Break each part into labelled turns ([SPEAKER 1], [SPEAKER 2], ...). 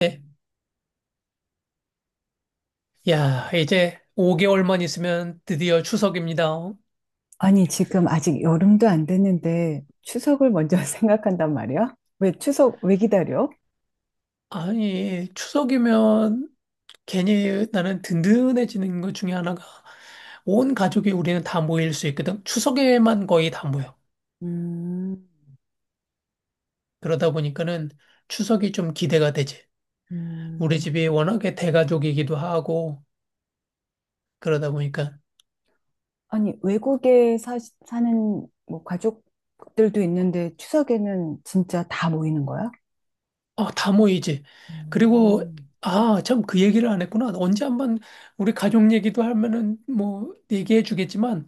[SPEAKER 1] 네. 야, 이제 5개월만 있으면 드디어 추석입니다.
[SPEAKER 2] 아니, 지금 아직 여름도 안 됐는데 추석을 먼저 생각한단 말이야? 왜 추석 왜 기다려?
[SPEAKER 1] 아니, 추석이면 괜히 나는 든든해지는 것 중에 하나가 온 가족이 우리는 다 모일 수 있거든. 추석에만 거의 다 모여.
[SPEAKER 2] 음,
[SPEAKER 1] 그러다 보니까는 추석이 좀 기대가 되지. 우리
[SPEAKER 2] 음,
[SPEAKER 1] 집이 워낙에 대가족이기도 하고 그러다 보니까
[SPEAKER 2] 아니, 외국에 사는 뭐 가족들도 있는데 추석에는 진짜 다 모이는 거야?
[SPEAKER 1] 어 다 모이지. 그리고,
[SPEAKER 2] 음,
[SPEAKER 1] 아, 참, 그 얘기를 안 했구나. 언제 한번 우리 가족 얘기도 하면은 뭐 얘기해 주겠지만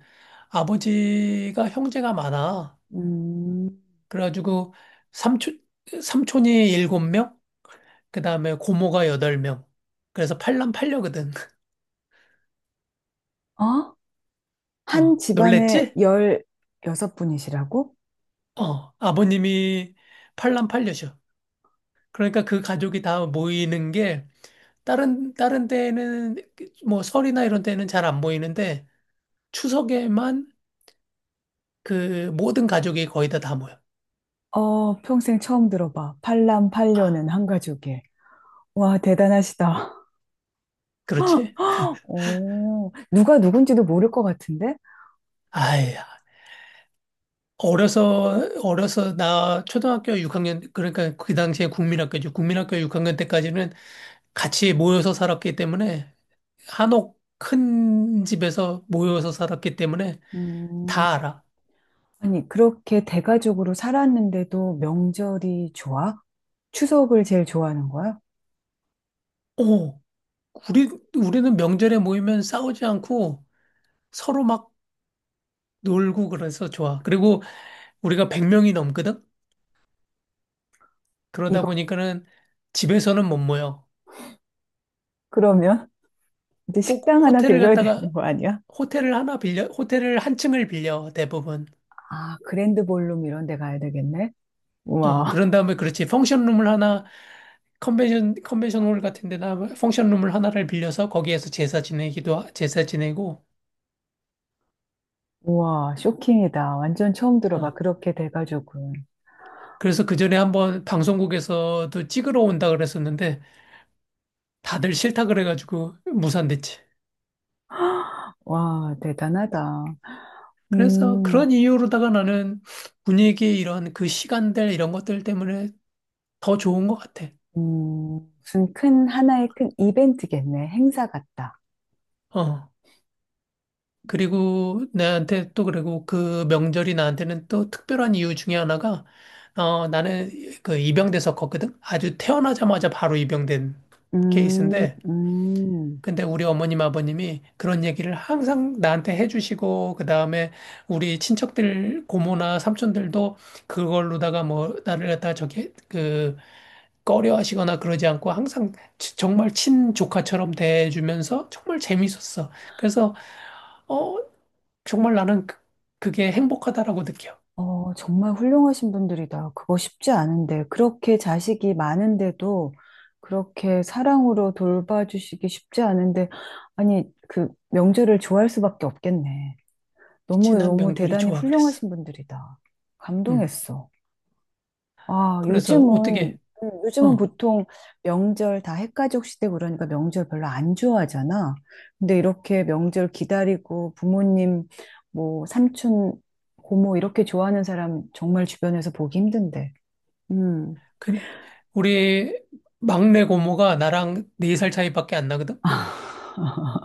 [SPEAKER 1] 아버지가 형제가 많아.
[SPEAKER 2] 음.
[SPEAKER 1] 그래가지고 삼촌, 삼촌이 일곱 명, 그 다음에 고모가 여덟 명. 그래서 팔남팔녀거든.
[SPEAKER 2] 어? 한
[SPEAKER 1] 어,
[SPEAKER 2] 집안에
[SPEAKER 1] 놀랬지?
[SPEAKER 2] 16분이시라고?
[SPEAKER 1] 어, 아버님이 팔남팔녀셔. 그러니까 그 가족이 다 모이는 게 다른 데에는 뭐 설이나 이런 데는 잘 안 모이는데 추석에만 그 모든 가족이 거의 다 모여.
[SPEAKER 2] 어, 평생 처음 들어봐. 팔남팔녀는 한 가족에. 와, 대단하시다.
[SPEAKER 1] 그렇지?
[SPEAKER 2] 어, 누가 누군지도 모를 것 같은데?
[SPEAKER 1] 아야. 어려서 나 초등학교 6학년 그러니까 그 당시에 국민학교죠. 국민학교 6학년 때까지는 같이 모여서 살았기 때문에 한옥 큰 집에서 모여서 살았기 때문에
[SPEAKER 2] 음,
[SPEAKER 1] 다 알아.
[SPEAKER 2] 아니, 그렇게 대가족으로 살았는데도 명절이 좋아? 추석을 제일 좋아하는 거야?
[SPEAKER 1] 오, 우리 우리는 명절에 모이면 싸우지 않고 서로 막 놀고 그래서 좋아. 그리고 우리가 100명이 넘거든. 그러다
[SPEAKER 2] 이거.
[SPEAKER 1] 보니까는 집에서는 못 모여.
[SPEAKER 2] 그러면 이제
[SPEAKER 1] 꼭
[SPEAKER 2] 식당 하나
[SPEAKER 1] 호텔을
[SPEAKER 2] 빌려야
[SPEAKER 1] 갔다가
[SPEAKER 2] 되는 거 아니야?
[SPEAKER 1] 호텔을 하나 빌려, 호텔을 한 층을 빌려, 대부분.
[SPEAKER 2] 아, 그랜드 볼룸 이런 데 가야 되겠네?
[SPEAKER 1] 어,
[SPEAKER 2] 우와,
[SPEAKER 1] 그런 다음에 그렇지. 펑션룸을 하나, 컨벤션홀 같은 데나 펑션룸을 하나를 빌려서 거기에서 제사 지내기도, 제사 지내고.
[SPEAKER 2] 우와, 쇼킹이다. 완전 처음
[SPEAKER 1] 어.
[SPEAKER 2] 들어봐. 그렇게 대가족은.
[SPEAKER 1] 그래서 그 전에 한번 방송국에서도 찍으러 온다 그랬었는데 다들 싫다 그래가지고 무산됐지.
[SPEAKER 2] 와, 대단하다.
[SPEAKER 1] 그래서
[SPEAKER 2] 음,
[SPEAKER 1] 그런 이유로다가 나는 분위기 이런 그 시간들 이런 것들 때문에 더 좋은 것 같아.
[SPEAKER 2] 무슨 큰, 하나의 큰 이벤트겠네. 행사 같다.
[SPEAKER 1] 어. 그리고 나한테 또 그리고 그 명절이 나한테는 또 특별한 이유 중에 하나가 어 나는 그 입양됐었거든. 아주 태어나자마자 바로 입양된
[SPEAKER 2] 음,
[SPEAKER 1] 케이스인데
[SPEAKER 2] 음.
[SPEAKER 1] 근데 우리 어머님 아버님이 그런 얘기를 항상 나한테 해주시고 그다음에 우리 친척들 고모나 삼촌들도 그걸로다가 뭐 나를 갖다 저기 그 꺼려 하시거나 그러지 않고 항상 정말 친조카처럼 대해주면서 정말 재밌었어. 그래서 어, 정말 나는 그, 그게 행복하다라고 느껴.
[SPEAKER 2] 어, 정말 훌륭하신 분들이다. 그거 쉽지 않은데. 그렇게 자식이 많은데도 그렇게 사랑으로 돌봐주시기 쉽지 않은데. 아니, 그 명절을 좋아할 수밖에 없겠네.
[SPEAKER 1] 지난
[SPEAKER 2] 너무너무
[SPEAKER 1] 명절이
[SPEAKER 2] 대단히
[SPEAKER 1] 좋아 그랬어.
[SPEAKER 2] 훌륭하신 분들이다.
[SPEAKER 1] 음.
[SPEAKER 2] 감동했어. 아,
[SPEAKER 1] 그래서
[SPEAKER 2] 요즘은,
[SPEAKER 1] 어떻게,
[SPEAKER 2] 요즘은
[SPEAKER 1] 어,
[SPEAKER 2] 보통 명절 다 핵가족 시대 그러니까 명절 별로 안 좋아하잖아. 근데 이렇게 명절 기다리고 부모님, 뭐, 삼촌, 고모 이렇게 좋아하는 사람 정말 주변에서 보기 힘든데. 음,
[SPEAKER 1] 그, 우리 막내 고모가 나랑 네 살 차이밖에 안 나거든?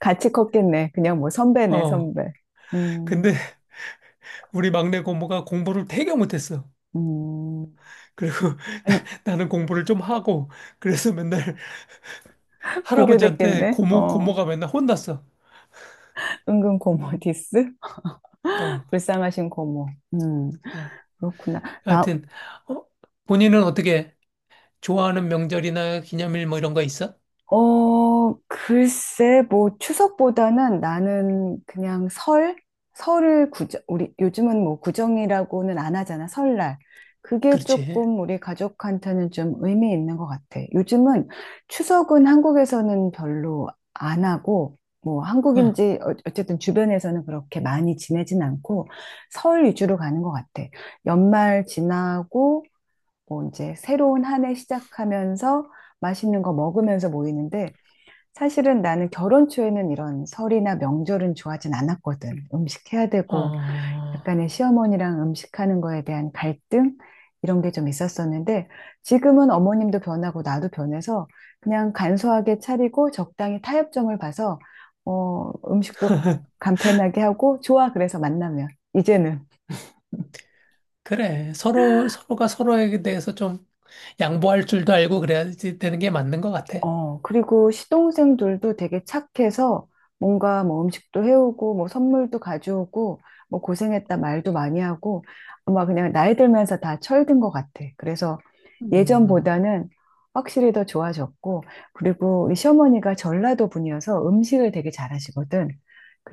[SPEAKER 2] 같이 컸겠네. 그냥 뭐 선배네,
[SPEAKER 1] 어.
[SPEAKER 2] 선배. 음,
[SPEAKER 1] 근데 우리 막내 고모가 공부를 되게 못했어.
[SPEAKER 2] 음.
[SPEAKER 1] 그리고
[SPEAKER 2] 아니,
[SPEAKER 1] 나는 공부를 좀 하고, 그래서 맨날 할아버지한테
[SPEAKER 2] 비교됐겠네.
[SPEAKER 1] 고모,
[SPEAKER 2] 어.
[SPEAKER 1] 고모가 맨날 혼났어.
[SPEAKER 2] 은근 고모 디스?
[SPEAKER 1] 어. 어.
[SPEAKER 2] 불쌍하신 고모. 음, 그렇구나. 나,
[SPEAKER 1] 하여튼, 어, 본인은 어떻게 좋아하는 명절이나 기념일 뭐 이런 거 있어?
[SPEAKER 2] 어, 글쎄, 뭐, 추석보다는 나는 그냥 설? 설을 구정, 우리, 요즘은 뭐, 구정이라고는 안 하잖아, 설날. 그게
[SPEAKER 1] 그렇지.
[SPEAKER 2] 조금 우리 가족한테는 좀 의미 있는 것 같아. 요즘은 추석은 한국에서는 별로 안 하고, 뭐,
[SPEAKER 1] 어.
[SPEAKER 2] 한국인지, 어쨌든 주변에서는 그렇게 많이 지내진 않고, 설 위주로 가는 것 같아. 연말 지나고, 뭐, 이제 새로운 한해 시작하면서 맛있는 거 먹으면서 모이는데, 사실은 나는 결혼 초에는 이런 설이나 명절은 좋아하진 않았거든. 음식 해야 되고,
[SPEAKER 1] 어.
[SPEAKER 2] 약간의 시어머니랑 음식하는 거에 대한 갈등? 이런 게 좀 있었었는데, 지금은 어머님도 변하고 나도 변해서 그냥 간소하게 차리고 적당히 타협점을 봐서, 어, 음식도 간편하게 하고, 좋아. 그래서 만나면. 이제는.
[SPEAKER 1] 그래. 서로가 서로에 대해서 좀 양보할 줄도 알고 그래야지 되는 게 맞는 것 같아.
[SPEAKER 2] 어, 그리고 시동생들도 되게 착해서 뭔가 뭐 음식도 해오고 뭐 선물도 가져오고 뭐 고생했다 말도 많이 하고 아마 그냥 나이 들면서 다 철든 것 같아. 그래서
[SPEAKER 1] 음.
[SPEAKER 2] 예전보다는 확실히 더 좋아졌고 그리고 우리 시어머니가 전라도 분이어서 음식을 되게 잘하시거든.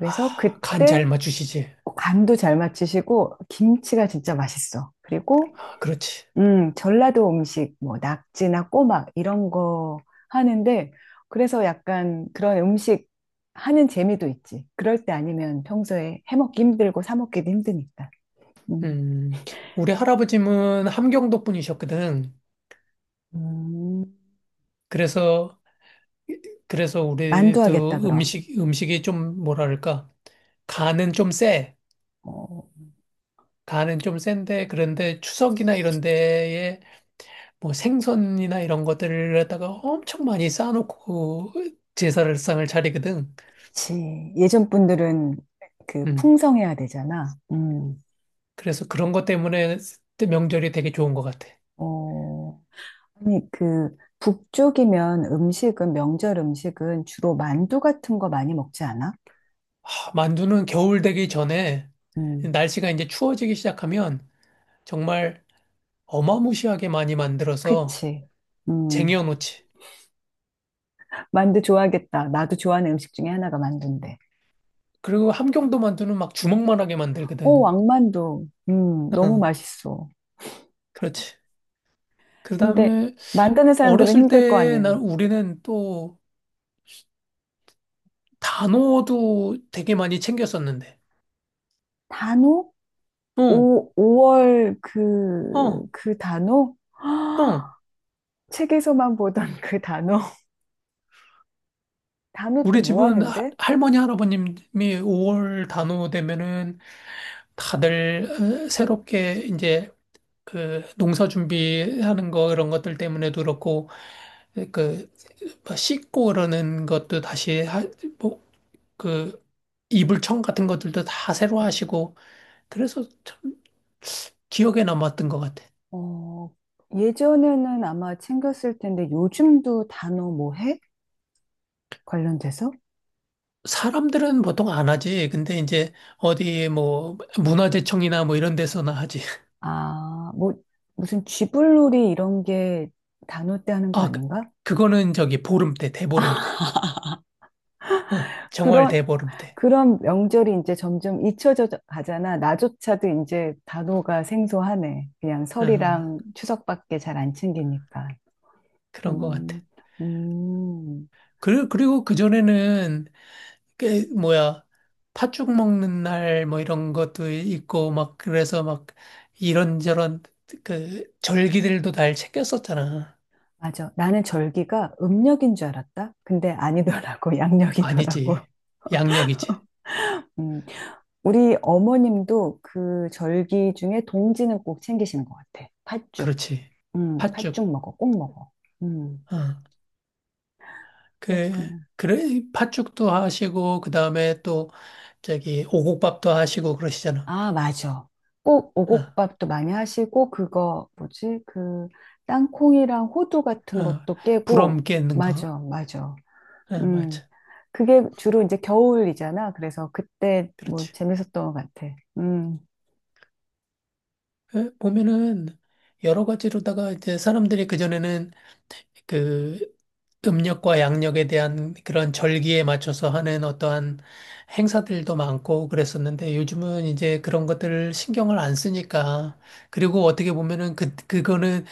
[SPEAKER 1] 아, 간 잘
[SPEAKER 2] 그때
[SPEAKER 1] 맞추시지.
[SPEAKER 2] 뭐 간도 잘 맞추시고 김치가 진짜 맛있어. 그리고
[SPEAKER 1] 아, 그렇지.
[SPEAKER 2] 전라도 음식, 뭐, 낙지나 꼬막, 이런 거 하는데, 그래서 약간 그런 음식 하는 재미도 있지. 그럴 때 아니면 평소에 해먹기 힘들고 사먹기도 힘드니까. 음.
[SPEAKER 1] 음. 우리 할아버지는 함경도 분이셨거든.
[SPEAKER 2] 음,
[SPEAKER 1] 그래서, 그래서
[SPEAKER 2] 만두 하겠다,
[SPEAKER 1] 우리도
[SPEAKER 2] 그럼.
[SPEAKER 1] 음식, 음식이 좀 뭐랄까. 간은 좀 세.
[SPEAKER 2] 어,
[SPEAKER 1] 간은 좀 센데, 그런데 추석이나 이런 데에 뭐 생선이나 이런 것들을 갖다가 엄청 많이 쌓아놓고 제사를상을 차리거든.
[SPEAKER 2] 그치. 예전 분들은 그
[SPEAKER 1] 음.
[SPEAKER 2] 풍성해야 되잖아.
[SPEAKER 1] 그래서 그런 것 때문에 명절이 되게 좋은 것 같아.
[SPEAKER 2] 어, 아니, 그, 북쪽이면 음식은, 명절 음식은 주로 만두 같은 거 많이 먹지 않아?
[SPEAKER 1] 하, 만두는 겨울 되기 전에
[SPEAKER 2] 음,
[SPEAKER 1] 날씨가 이제 추워지기 시작하면 정말 어마무시하게 많이 만들어서
[SPEAKER 2] 그치. 음.
[SPEAKER 1] 쟁여놓지.
[SPEAKER 2] 만두 좋아하겠다. 나도 좋아하는 음식 중에 하나가 만두인데.
[SPEAKER 1] 그리고 함경도 만두는 막 주먹만하게
[SPEAKER 2] 오,
[SPEAKER 1] 만들거든.
[SPEAKER 2] 왕만두. 너무
[SPEAKER 1] 응,
[SPEAKER 2] 맛있어.
[SPEAKER 1] 그렇지. 그
[SPEAKER 2] 근데
[SPEAKER 1] 다음에
[SPEAKER 2] 만드는 사람들은
[SPEAKER 1] 어렸을
[SPEAKER 2] 힘들 거
[SPEAKER 1] 때 난
[SPEAKER 2] 아니에요.
[SPEAKER 1] 우리는 또 단호도 되게 많이 챙겼었는데.
[SPEAKER 2] 단오?
[SPEAKER 1] 어,
[SPEAKER 2] 오, 5월 그,
[SPEAKER 1] 어,
[SPEAKER 2] 그 단오?
[SPEAKER 1] 어.
[SPEAKER 2] 헉, 책에서만 보던 그 단오. 단오 때
[SPEAKER 1] 우리
[SPEAKER 2] 뭐
[SPEAKER 1] 집은
[SPEAKER 2] 하는데?
[SPEAKER 1] 할머니, 할아버님이 5월 단오 되면은 다들 어, 새롭게 이제 그 농사 준비하는 거 이런 것들 때문에도 그렇고 그뭐 씻고 그러는 것도 다시 하, 뭐그 이불청 같은 것들도 다 새로 하시고 그래서 참 기억에 남았던 것 같아.
[SPEAKER 2] 어, 예전에는 아마 챙겼을 텐데 요즘도 단어 뭐 해? 관련돼서?
[SPEAKER 1] 사람들은 보통 안 하지. 근데 이제 어디 뭐 문화재청이나 뭐 이런 데서나 하지.
[SPEAKER 2] 아, 뭐, 무슨 쥐불놀이 이런 게 단어 때 하는 거
[SPEAKER 1] 아,
[SPEAKER 2] 아닌가?
[SPEAKER 1] 그거는 저기 보름 때, 대보름 때. 어, 정월
[SPEAKER 2] 그런,
[SPEAKER 1] 대보름 때.
[SPEAKER 2] 그런 명절이 이제 점점 잊혀져 가잖아. 나조차도 이제 단어가 생소하네. 그냥
[SPEAKER 1] 어,
[SPEAKER 2] 설이랑 추석밖에 잘 안 챙기니까.
[SPEAKER 1] 그런 것 같아.
[SPEAKER 2] 음, 음,
[SPEAKER 1] 그리고 그전에는, 그, 뭐야, 팥죽 먹는 날, 뭐 이런 것도 있고, 막, 그래서 막, 이런저런, 그, 절기들도 날 챙겼었잖아.
[SPEAKER 2] 맞아. 나는 절기가 음력인 줄 알았다. 근데 아니더라고. 양력이더라고.
[SPEAKER 1] 아니지. 양력이지.
[SPEAKER 2] 음, 우리 어머님도 그 절기 중에 동지는 꼭 챙기시는 것 같아. 팥죽.
[SPEAKER 1] 그렇지. 팥죽.
[SPEAKER 2] 팥죽 먹어. 꼭 먹어. 음,
[SPEAKER 1] 어. 그,
[SPEAKER 2] 그렇구나.
[SPEAKER 1] 그래, 팥죽도 하시고, 그 다음에 또, 저기, 오곡밥도 하시고 그러시잖아.
[SPEAKER 2] 아, 맞아. 꼭
[SPEAKER 1] 어,
[SPEAKER 2] 오곡밥도 많이 하시고, 그거, 뭐지? 그, 땅콩이랑 호두 같은
[SPEAKER 1] 어.
[SPEAKER 2] 것도 깨고,
[SPEAKER 1] 부럼 깨는 거.
[SPEAKER 2] 맞아, 맞아.
[SPEAKER 1] 어,
[SPEAKER 2] 음.
[SPEAKER 1] 맞아.
[SPEAKER 2] 그게 주로 이제 겨울이잖아. 그래서 그때 뭐
[SPEAKER 1] 그렇지.
[SPEAKER 2] 재밌었던 것 같아.
[SPEAKER 1] 예, 보면은 여러 가지로다가 이제 사람들이 그전에는 그 음력과 양력에 대한 그런 절기에 맞춰서 하는 어떠한 행사들도 많고 그랬었는데 요즘은 이제 그런 것들을 신경을 안 쓰니까 그리고 어떻게 보면은 그, 그거는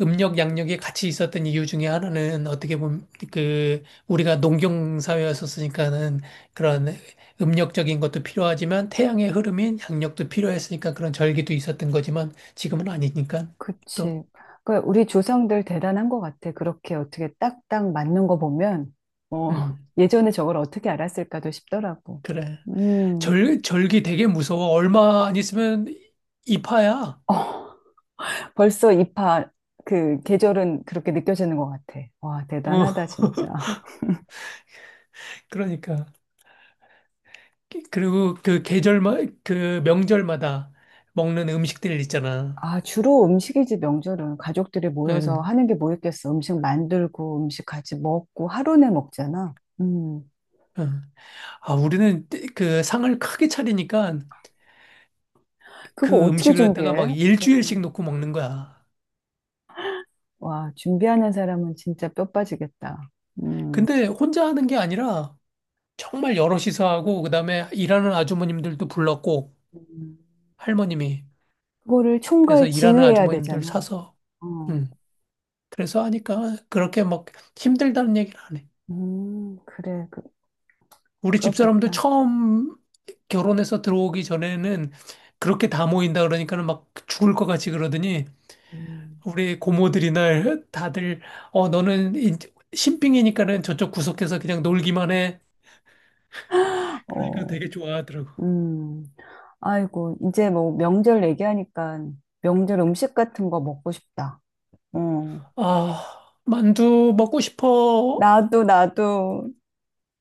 [SPEAKER 1] 음력 양력이 같이 있었던 이유 중에 하나는 어떻게 보면 그 우리가 농경 사회였었으니까는 그런 음력적인 것도 필요하지만 태양의 흐름인 양력도 필요했으니까 그런 절기도 있었던 거지만 지금은 아니니까 또
[SPEAKER 2] 그치. 그러니까 우리 조상들 대단한 것 같아. 그렇게 어떻게 딱딱 맞는 거 보면, 어,
[SPEAKER 1] 음,
[SPEAKER 2] 예전에 저걸 어떻게 알았을까도 싶더라고.
[SPEAKER 1] 그래.
[SPEAKER 2] 음.
[SPEAKER 1] 절 절기 되게 무서워. 얼마 안 있으면 이파야.
[SPEAKER 2] 어, 벌써 입하 그 계절은 그렇게 느껴지는 것 같아. 와,
[SPEAKER 1] 어,
[SPEAKER 2] 대단하다, 진짜.
[SPEAKER 1] 그러니까. 그리고 그 계절마 그 명절마다 먹는 음식들 있잖아.
[SPEAKER 2] 아, 주로 음식이지, 명절은. 가족들이 모여서
[SPEAKER 1] 응.
[SPEAKER 2] 하는 게 뭐 있겠어. 음식 만들고, 음식 같이 먹고, 하루 내 먹잖아. 음,
[SPEAKER 1] 응. 아, 우리는 그 상을 크게 차리니까
[SPEAKER 2] 그거
[SPEAKER 1] 그
[SPEAKER 2] 어떻게
[SPEAKER 1] 음식을 갖다가
[SPEAKER 2] 준비해?
[SPEAKER 1] 막
[SPEAKER 2] 음,
[SPEAKER 1] 일주일씩 놓고 먹는 거야.
[SPEAKER 2] 와, 준비하는 사람은 진짜 뼈 빠지겠다. 음,
[SPEAKER 1] 근데 혼자 하는 게 아니라 정말 여럿이서 하고 그다음에 일하는 아주머님들도 불렀고
[SPEAKER 2] 음.
[SPEAKER 1] 할머님이
[SPEAKER 2] 그거를
[SPEAKER 1] 그래서
[SPEAKER 2] 총괄
[SPEAKER 1] 일하는
[SPEAKER 2] 지휘해야
[SPEAKER 1] 아주머님들
[SPEAKER 2] 되잖아.
[SPEAKER 1] 사서
[SPEAKER 2] 어,
[SPEAKER 1] 음. 그래서 하니까 그렇게 막 힘들다는 얘기를 안 해.
[SPEAKER 2] 그래, 그,
[SPEAKER 1] 우리 집사람도
[SPEAKER 2] 그렇겠다.
[SPEAKER 1] 처음 결혼해서 들어오기 전에는 그렇게 다 모인다 그러니까는 막 죽을 것 같이 그러더니
[SPEAKER 2] 음.
[SPEAKER 1] 우리 고모들이 날 다들 어 너는 신빙이니까는 저쪽 구석에서 그냥 놀기만 해. 그러니까
[SPEAKER 2] 어,
[SPEAKER 1] 되게 좋아하더라고.
[SPEAKER 2] 음. 아이고, 이제 뭐 명절 얘기하니까 명절 음식 같은 거 먹고 싶다. 어.
[SPEAKER 1] 아, 만두 먹고 싶어.
[SPEAKER 2] 나도, 나도.